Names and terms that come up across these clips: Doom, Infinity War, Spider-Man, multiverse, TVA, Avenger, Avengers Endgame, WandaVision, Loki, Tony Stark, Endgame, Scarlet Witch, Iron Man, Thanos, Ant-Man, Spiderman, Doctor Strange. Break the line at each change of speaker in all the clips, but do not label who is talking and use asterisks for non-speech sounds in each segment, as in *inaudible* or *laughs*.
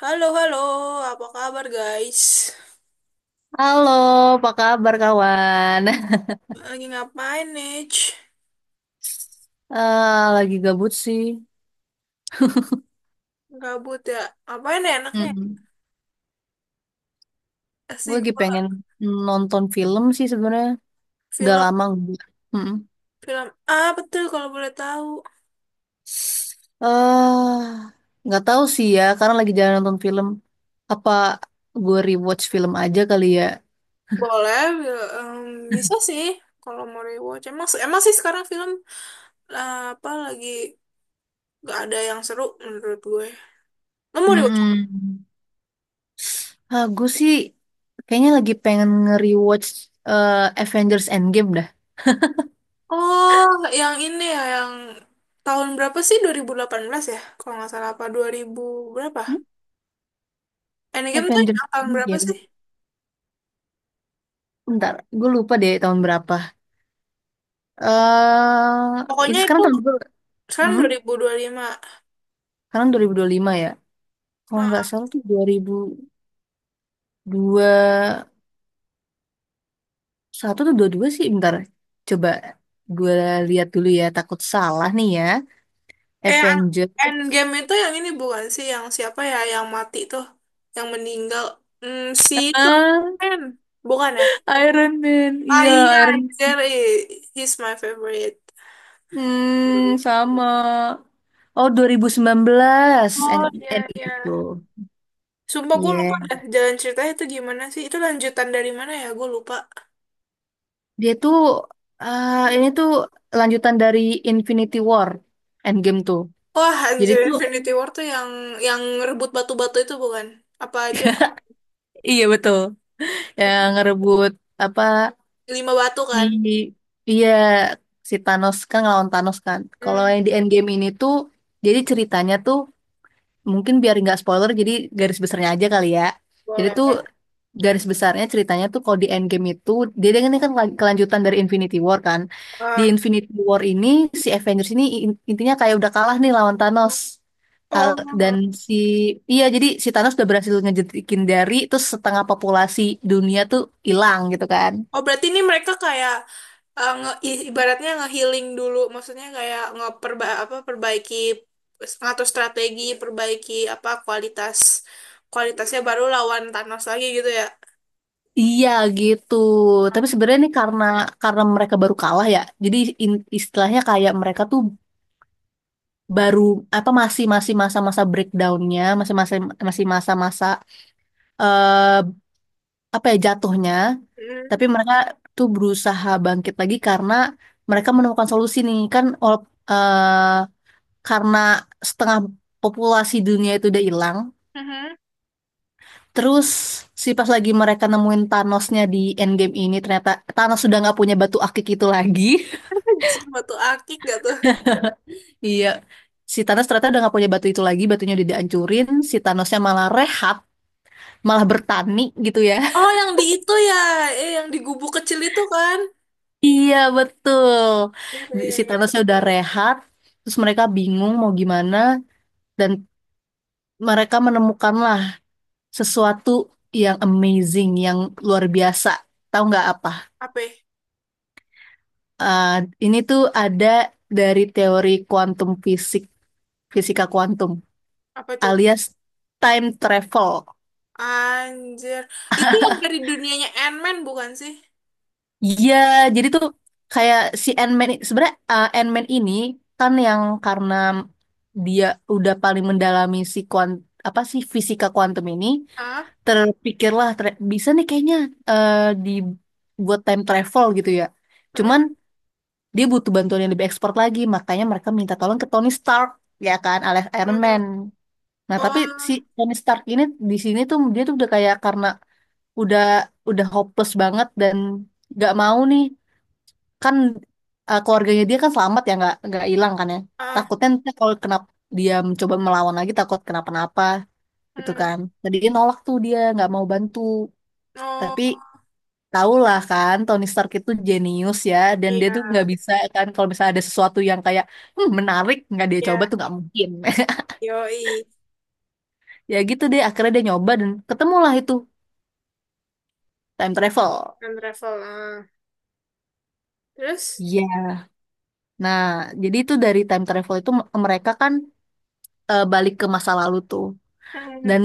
Halo, halo, apa kabar guys?
Halo, apa kabar kawan? *laughs*
Lagi ngapain nih?
Lagi gabut sih.
Gabut ya? Ngapain ya enaknya?
Mm-mm. Gue
Kasih
lagi
gue
pengen nonton film sih sebenarnya. Udah
film,
lama gue. Mm-mm.
film apa tuh kalau boleh tahu?
Eh, nggak tahu sih ya, karena lagi jalan nonton film. Apa gue rewatch film aja kali ya?
Boleh, bisa sih kalau mau rewatch. Emang sih sekarang film apa lagi gak ada yang seru menurut gue. Lo mau rewatch?
Mm-mm. Ah, gue sih kayaknya lagi pengen nge-rewatch Avengers Endgame dah.
Oh, yang ini ya, yang tahun berapa sih? 2018 ya? Kalau nggak salah apa 2000 berapa?
Hmm?
Endgame tuh
Avengers
yang tahun berapa
Endgame.
sih?
Bentar, gue lupa deh tahun berapa.
Pokoknya
Ini
itu
sekarang tahun berapa?
kan
Hmm?
2025.
Sekarang 2025 ya. Kalau nggak
Ah.
salah tuh 2021 atau 22 sih. Bentar. Coba gue lihat dulu ya. Takut salah nih ya.
Eh,
Avengers.
Endgame itu yang ini bukan sih? Yang siapa ya? Yang mati tuh. Yang meninggal. Si itu.
Ah,
Ken. Bukan ya?
Iron Man.
Ah iya,
Iya, Iron Man.
Jerry. He's my favorite.
Hmm, sama. Oh, 2019. And,
Oh
and
iya, iya.
itu.
Sumpah gue lupa
Iya.
dah jalan ceritanya itu gimana sih? Itu lanjutan dari mana ya? Gue lupa.
Dia tuh, ini tuh lanjutan dari Infinity War. Endgame tuh.
Wah,
Jadi
anjir
tuh,
Infinity War tuh yang rebut batu-batu itu bukan? Apa itu yang
iya betul. Ya, ngerebut apa,
lima batu
si,
kan?
iya, si Thanos kan, ngelawan Thanos kan. Kalau
Hmm,
yang di Endgame ini tuh jadi ceritanya tuh mungkin biar nggak spoiler, jadi garis besarnya aja kali ya. Jadi
boleh.
tuh garis besarnya ceritanya tuh kalau di Endgame itu dia dia ini kan kelanjutan dari Infinity War kan. Di
Ah.
Infinity War ini si Avengers ini intinya kayak udah kalah nih lawan Thanos. Dan
Oh.
si, iya, jadi si Thanos udah berhasil ngejetikin dari, terus setengah populasi dunia tuh hilang gitu kan.
Oh, berarti ini mereka kayak ibaratnya nge-healing dulu, maksudnya kayak ngeperba apa perbaiki ngatur strategi, perbaiki apa kualitasnya baru lawan Thanos lagi gitu ya.
Iya gitu. Tapi sebenarnya ini karena mereka baru kalah ya. Jadi istilahnya kayak mereka tuh baru apa, masih masih masa-masa breakdownnya, masih masih masih masa-masa, eh, apa ya jatuhnya,
Hmm.
tapi mereka tuh berusaha bangkit lagi karena mereka menemukan solusi nih kan, karena setengah populasi dunia itu udah hilang,
Mhm.
terus si pas lagi mereka nemuin Thanosnya di Endgame ini ternyata Thanos sudah nggak punya batu akik itu lagi.
*laughs* Anjing, batu akik gak tuh?
*laughs* Iya. Si Thanos ternyata udah nggak punya batu itu lagi, batunya udah dihancurin. Si Thanosnya malah rehat, malah bertani gitu ya.
Oh,
*laughs*
yang di itu ya, yang di gubuk kecil itu kan?
Iya betul.
Iya, iya,
Si
iya, iya.
Thanosnya udah rehat, terus mereka bingung mau gimana dan mereka menemukanlah sesuatu yang amazing, yang luar biasa. Tahu nggak apa?
Apa? Ya?
Eh, ini tuh ada dari teori kuantum fisik, fisika kuantum,
Apa itu?
alias time travel.
Anjir. Itu yang dari dunianya Ant-Man bukan sih?
Iya, jadi tuh kayak si Ant-Man sebenarnya Ant-Man ini kan yang karena dia udah paling mendalami si apa sih fisika kuantum ini,
Ah?
terpikirlah bisa nih kayaknya uh, dibuat time travel gitu ya. Cuman
Mm-mm.
dia butuh bantuan yang lebih ekspor lagi, makanya mereka minta tolong ke Tony Stark ya kan, alias Iron
Eh.
Man. Nah, tapi si
Oh.
Tony Stark ini di sini tuh dia tuh udah kayak karena udah udah hopeless banget dan gak mau nih kan, keluarganya dia kan selamat ya, nggak hilang kan ya,
Ah.
takutnya nanti kalau kenapa dia mencoba melawan lagi takut kenapa-napa gitu
Hmm.
kan, jadi dia nolak tuh dia nggak mau bantu. Tapi
Oh
tahulah kan Tony Stark itu jenius ya, dan dia
iya
tuh nggak bisa kan kalau misalnya ada sesuatu yang kayak, "Hmm, menarik nggak dia coba tuh
iya
nggak mungkin." *laughs*
yoi
Ya gitu deh akhirnya dia nyoba dan ketemulah itu time travel.
time travel ah. Terus.
Iya. Nah, jadi itu dari time travel itu mereka kan balik ke masa lalu tuh.
Hmm.
Dan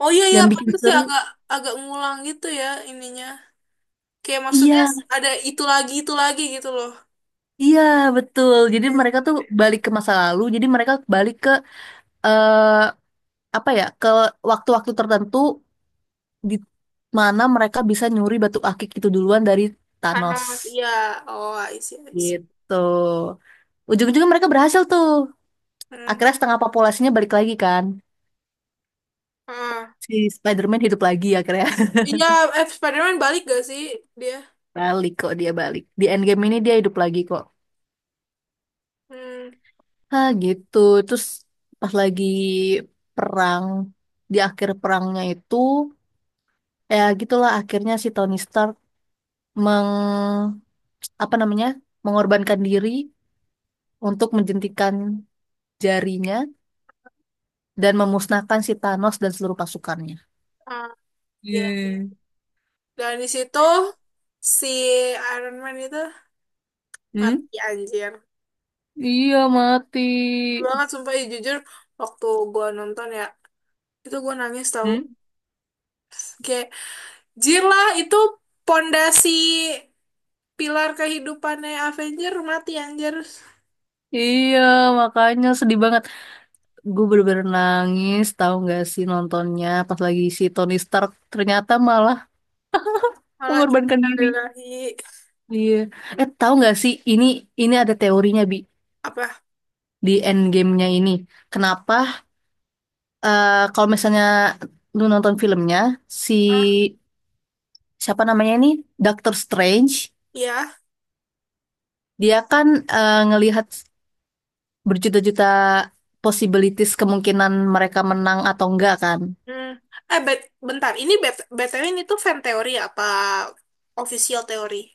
Oh iya iya
yang bikin
pantas sih
seru,
agak agak ngulang gitu ya ininya kayak maksudnya
iya,
ada itu lagi gitu loh.
iya betul, jadi
Yes.
mereka tuh balik ke masa lalu, jadi mereka balik ke, eh apa ya, ke waktu-waktu tertentu di mana mereka bisa nyuri batu akik itu duluan dari Thanos
Thanos iya oh I see, I see.
gitu. Ujung-ujungnya mereka berhasil tuh,
Hmm.
akhirnya setengah populasinya balik lagi kan,
Ah.
si Spider-Man hidup lagi akhirnya.
Iya. Spiderman balik gak sih dia?
*laughs* Balik kok, dia balik di Endgame ini, dia hidup lagi kok.
Hmm.
Ah gitu. Terus pas lagi perang di akhir perangnya itu, ya gitulah akhirnya si Tony Stark meng, apa namanya, mengorbankan diri untuk menjentikan jarinya dan memusnahkan si Thanos dan seluruh pasukannya.
Ah, iya iya.
Eh,
Dan di situ si Iron Man itu
Hmm?
mati anjir.
Iya mati.
Bener banget sumpah ya, jujur waktu gua nonton ya itu gua nangis tahu.
Hmm?
Oke. Jirlah itu pondasi pilar kehidupannya Avenger mati anjir.
Iya, makanya sedih banget. Gue bener-bener nangis tahu nggak sih nontonnya pas lagi si Tony Stark ternyata malah
Malah
mengorbankan diri.
innalillahi
Iya. Eh, tahu nggak sih ini ada teorinya Bi
apa?
di endgame-nya ini. Kenapa, kalau misalnya lu nonton filmnya, si,
Ah,
siapa namanya ini, Doctor Strange,
ya.
dia kan ngelihat berjuta-juta possibilities, kemungkinan mereka menang atau enggak kan.
Hmm. Eh, bentar. Ini BTW ini tuh fan teori apa official teori?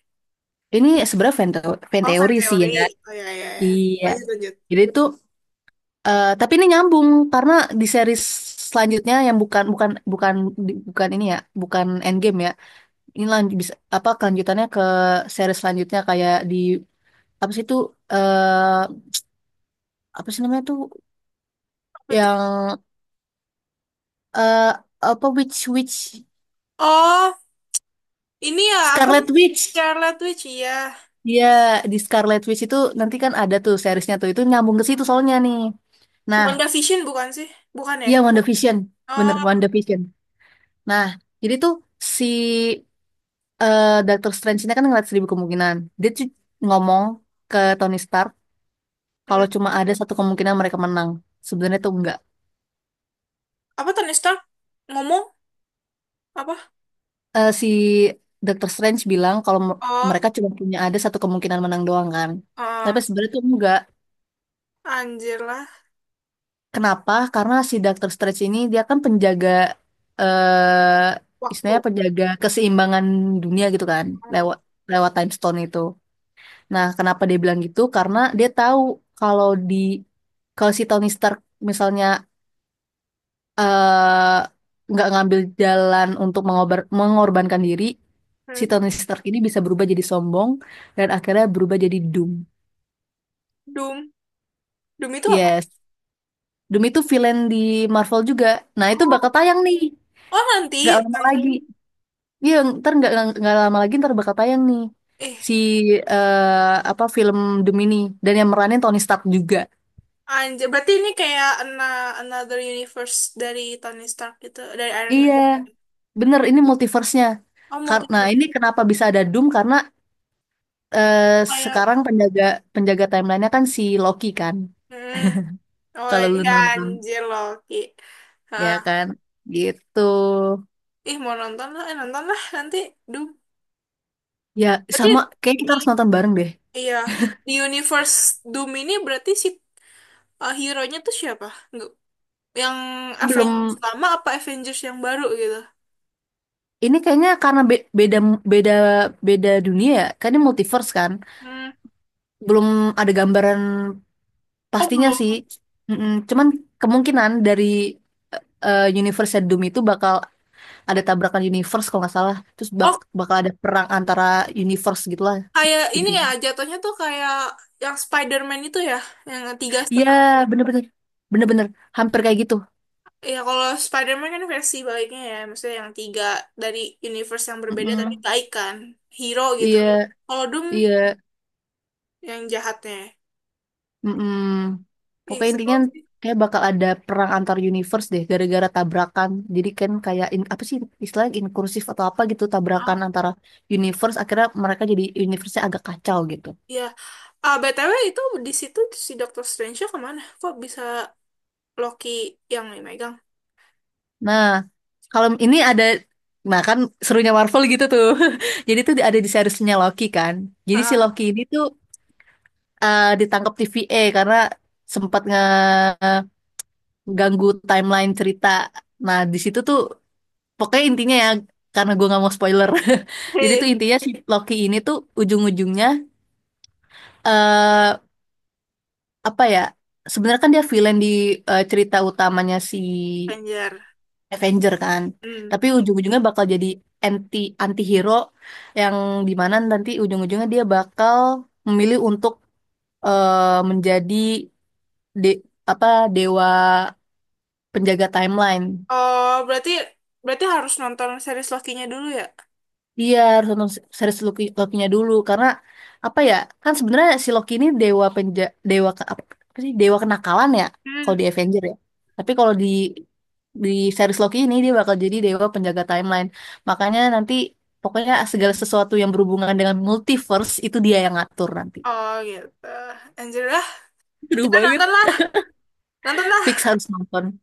Ini sebenarnya fan, fan
Oh, fan
teori sih
teori.
ya.
Oh ya ya ya.
Iya.
Lanjut lanjut.
Jadi itu, tapi ini nyambung karena di series selanjutnya yang bukan bukan bukan di- bukan ini ya, bukan Endgame ya. Ini lanjut bisa apa kelanjutannya ke series selanjutnya kayak di, apa sih itu, eh, apa sih namanya tuh,
Apa.
yang, eh apa, Witch Witch
Oh, ini ya apa
Scarlet Witch.
Scarlet Witch ya.
Iya, di Scarlet Witch itu nanti kan ada tuh seriesnya tuh itu nyambung ke situ soalnya nih. Nah,
WandaVision bukan sih? Bukan ya?
iya WandaVision,
Oh.
bener WandaVision. Nah, jadi tuh si, Doctor Strange ini kan ngeliat seribu kemungkinan, dia tuh ngomong ke Tony Stark
Hmm.
kalau cuma ada satu kemungkinan mereka menang, sebenarnya tuh enggak.
Apa Tony Stark ngomong apa?
Si dokter Strange bilang kalau
Oh.
mereka cuma punya ada satu kemungkinan menang doang kan. Tapi
Ah.
sebenarnya tuh enggak.
Anjir lah.
Kenapa? Karena si dokter Strange ini dia kan penjaga, eh
Waktu.
istilahnya penjaga keseimbangan dunia gitu kan, lewat lewat time stone itu. Nah, kenapa dia bilang gitu? Karena dia tahu kalau di, kalau si Tony Stark misalnya eh nggak ngambil jalan untuk mengorbankan diri, si
Hmm.
Tony Stark ini bisa berubah jadi sombong dan akhirnya berubah jadi Doom.
Doom. Doom itu apa?
Yes, Doom itu villain di Marvel juga. Nah itu
Oh,
bakal tayang nih,
oh nanti
nggak lama
kayak
lagi. Iya, ntar nggak lama lagi ntar bakal tayang nih
eh
si, eh, apa, film Doom ini dan yang meranin Tony Stark juga.
anjir berarti ini kayak another universe dari Tony Stark gitu, dari Iron Man.
Iya, bener ini multiverse-nya.
Oh,
Karena
multiverse.
ini kenapa bisa ada Doom karena, eh,
Kayak.
sekarang penjaga penjaga timeline-nya kan si Loki kan.
Hmm. Oh,
Kalau lu
iya,
nonton,
anjir Loki.
ya
Hah.
kan? Gitu.
Ih, mau nonton lah, nonton lah nanti Doom.
Ya,
Berarti
sama kayak kita
di,
harus nonton bareng deh.
iya, di universe Doom ini berarti si hero-nya tuh siapa? Nggak- Yang Avengers
Belum,
lama apa Avengers yang baru gitu?
ini kayaknya karena beda, beda beda dunia ya. Kan ini multiverse kan.
Hmm.
Belum ada gambaran
Oh
pastinya sih.
belum.
Mm-mm. Cuman kemungkinan dari, eh, universe Doom itu bakal ada tabrakan universe kalau nggak salah. Terus
Oh
bakal ada perang antara universe gitulah
kayak ini ya
intinya.
jatuhnya tuh kayak yang Spider-Man itu ya, yang tiga
Iya,
Sp-
bener-bener. Bener-bener hampir kayak gitu.
ya kalau Spider-Man kan versi baiknya ya, maksudnya yang tiga dari universe yang berbeda tapi
Mm-mm.
baik kan, hero gitu.
Iya,
Kalau Doom
iya.
yang jahatnya.
Mm-mm.
Ih
Pokoknya
seru
intinya
sih.
kayak bakal ada perang antar universe deh gara-gara tabrakan. Jadi kan kayak apa sih istilahnya inkursif atau apa gitu
Ah
tabrakan antara universe akhirnya mereka jadi universe-nya agak kacau gitu.
iya. Ah BTW itu di situ si Doctor Strange kemana? Kok bisa Loki yang megang?
Nah, kalau ini ada, nah kan, serunya Marvel gitu tuh. *laughs* Jadi tuh ada di seriesnya Loki kan. Jadi si
Heeh.
Loki ini tuh, ditangkap TVA karena sempat ngeganggu timeline cerita. Nah, di situ tuh pokoknya intinya ya, karena gue nggak mau spoiler. *laughs* Jadi tuh
Hei,
intinya si Loki ini tuh ujung-ujungnya, eh apa ya? Sebenarnya kan dia villain di, cerita utamanya si
anjir.
Avenger kan.
Hmm.
Tapi ujung-ujungnya bakal jadi anti anti-hero, yang dimana nanti ujung-ujungnya dia bakal memilih untuk, menjadi de apa, dewa penjaga timeline.
Oh berarti berarti harus nonton series Loki-nya dulu ya?
Iya harus nonton series Loki-nya dulu karena apa ya, kan sebenarnya si Loki ini dewa dewa apa, apa sih, dewa kenakalan ya
Hmm.
kalau di Avenger ya, tapi kalau di series Loki ini dia bakal jadi dewa penjaga timeline, makanya nanti pokoknya segala sesuatu yang berhubungan dengan multiverse itu dia yang ngatur nanti.
Oh gitu. Anjir lah.
Seru
Kita
banget.
nonton lah. Nonton lah.
Fix harus nonton.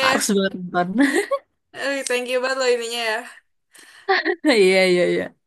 Harus banget nonton.
Eh, thank you banget loh ininya ya.
*laughs* Iya, iya, iya.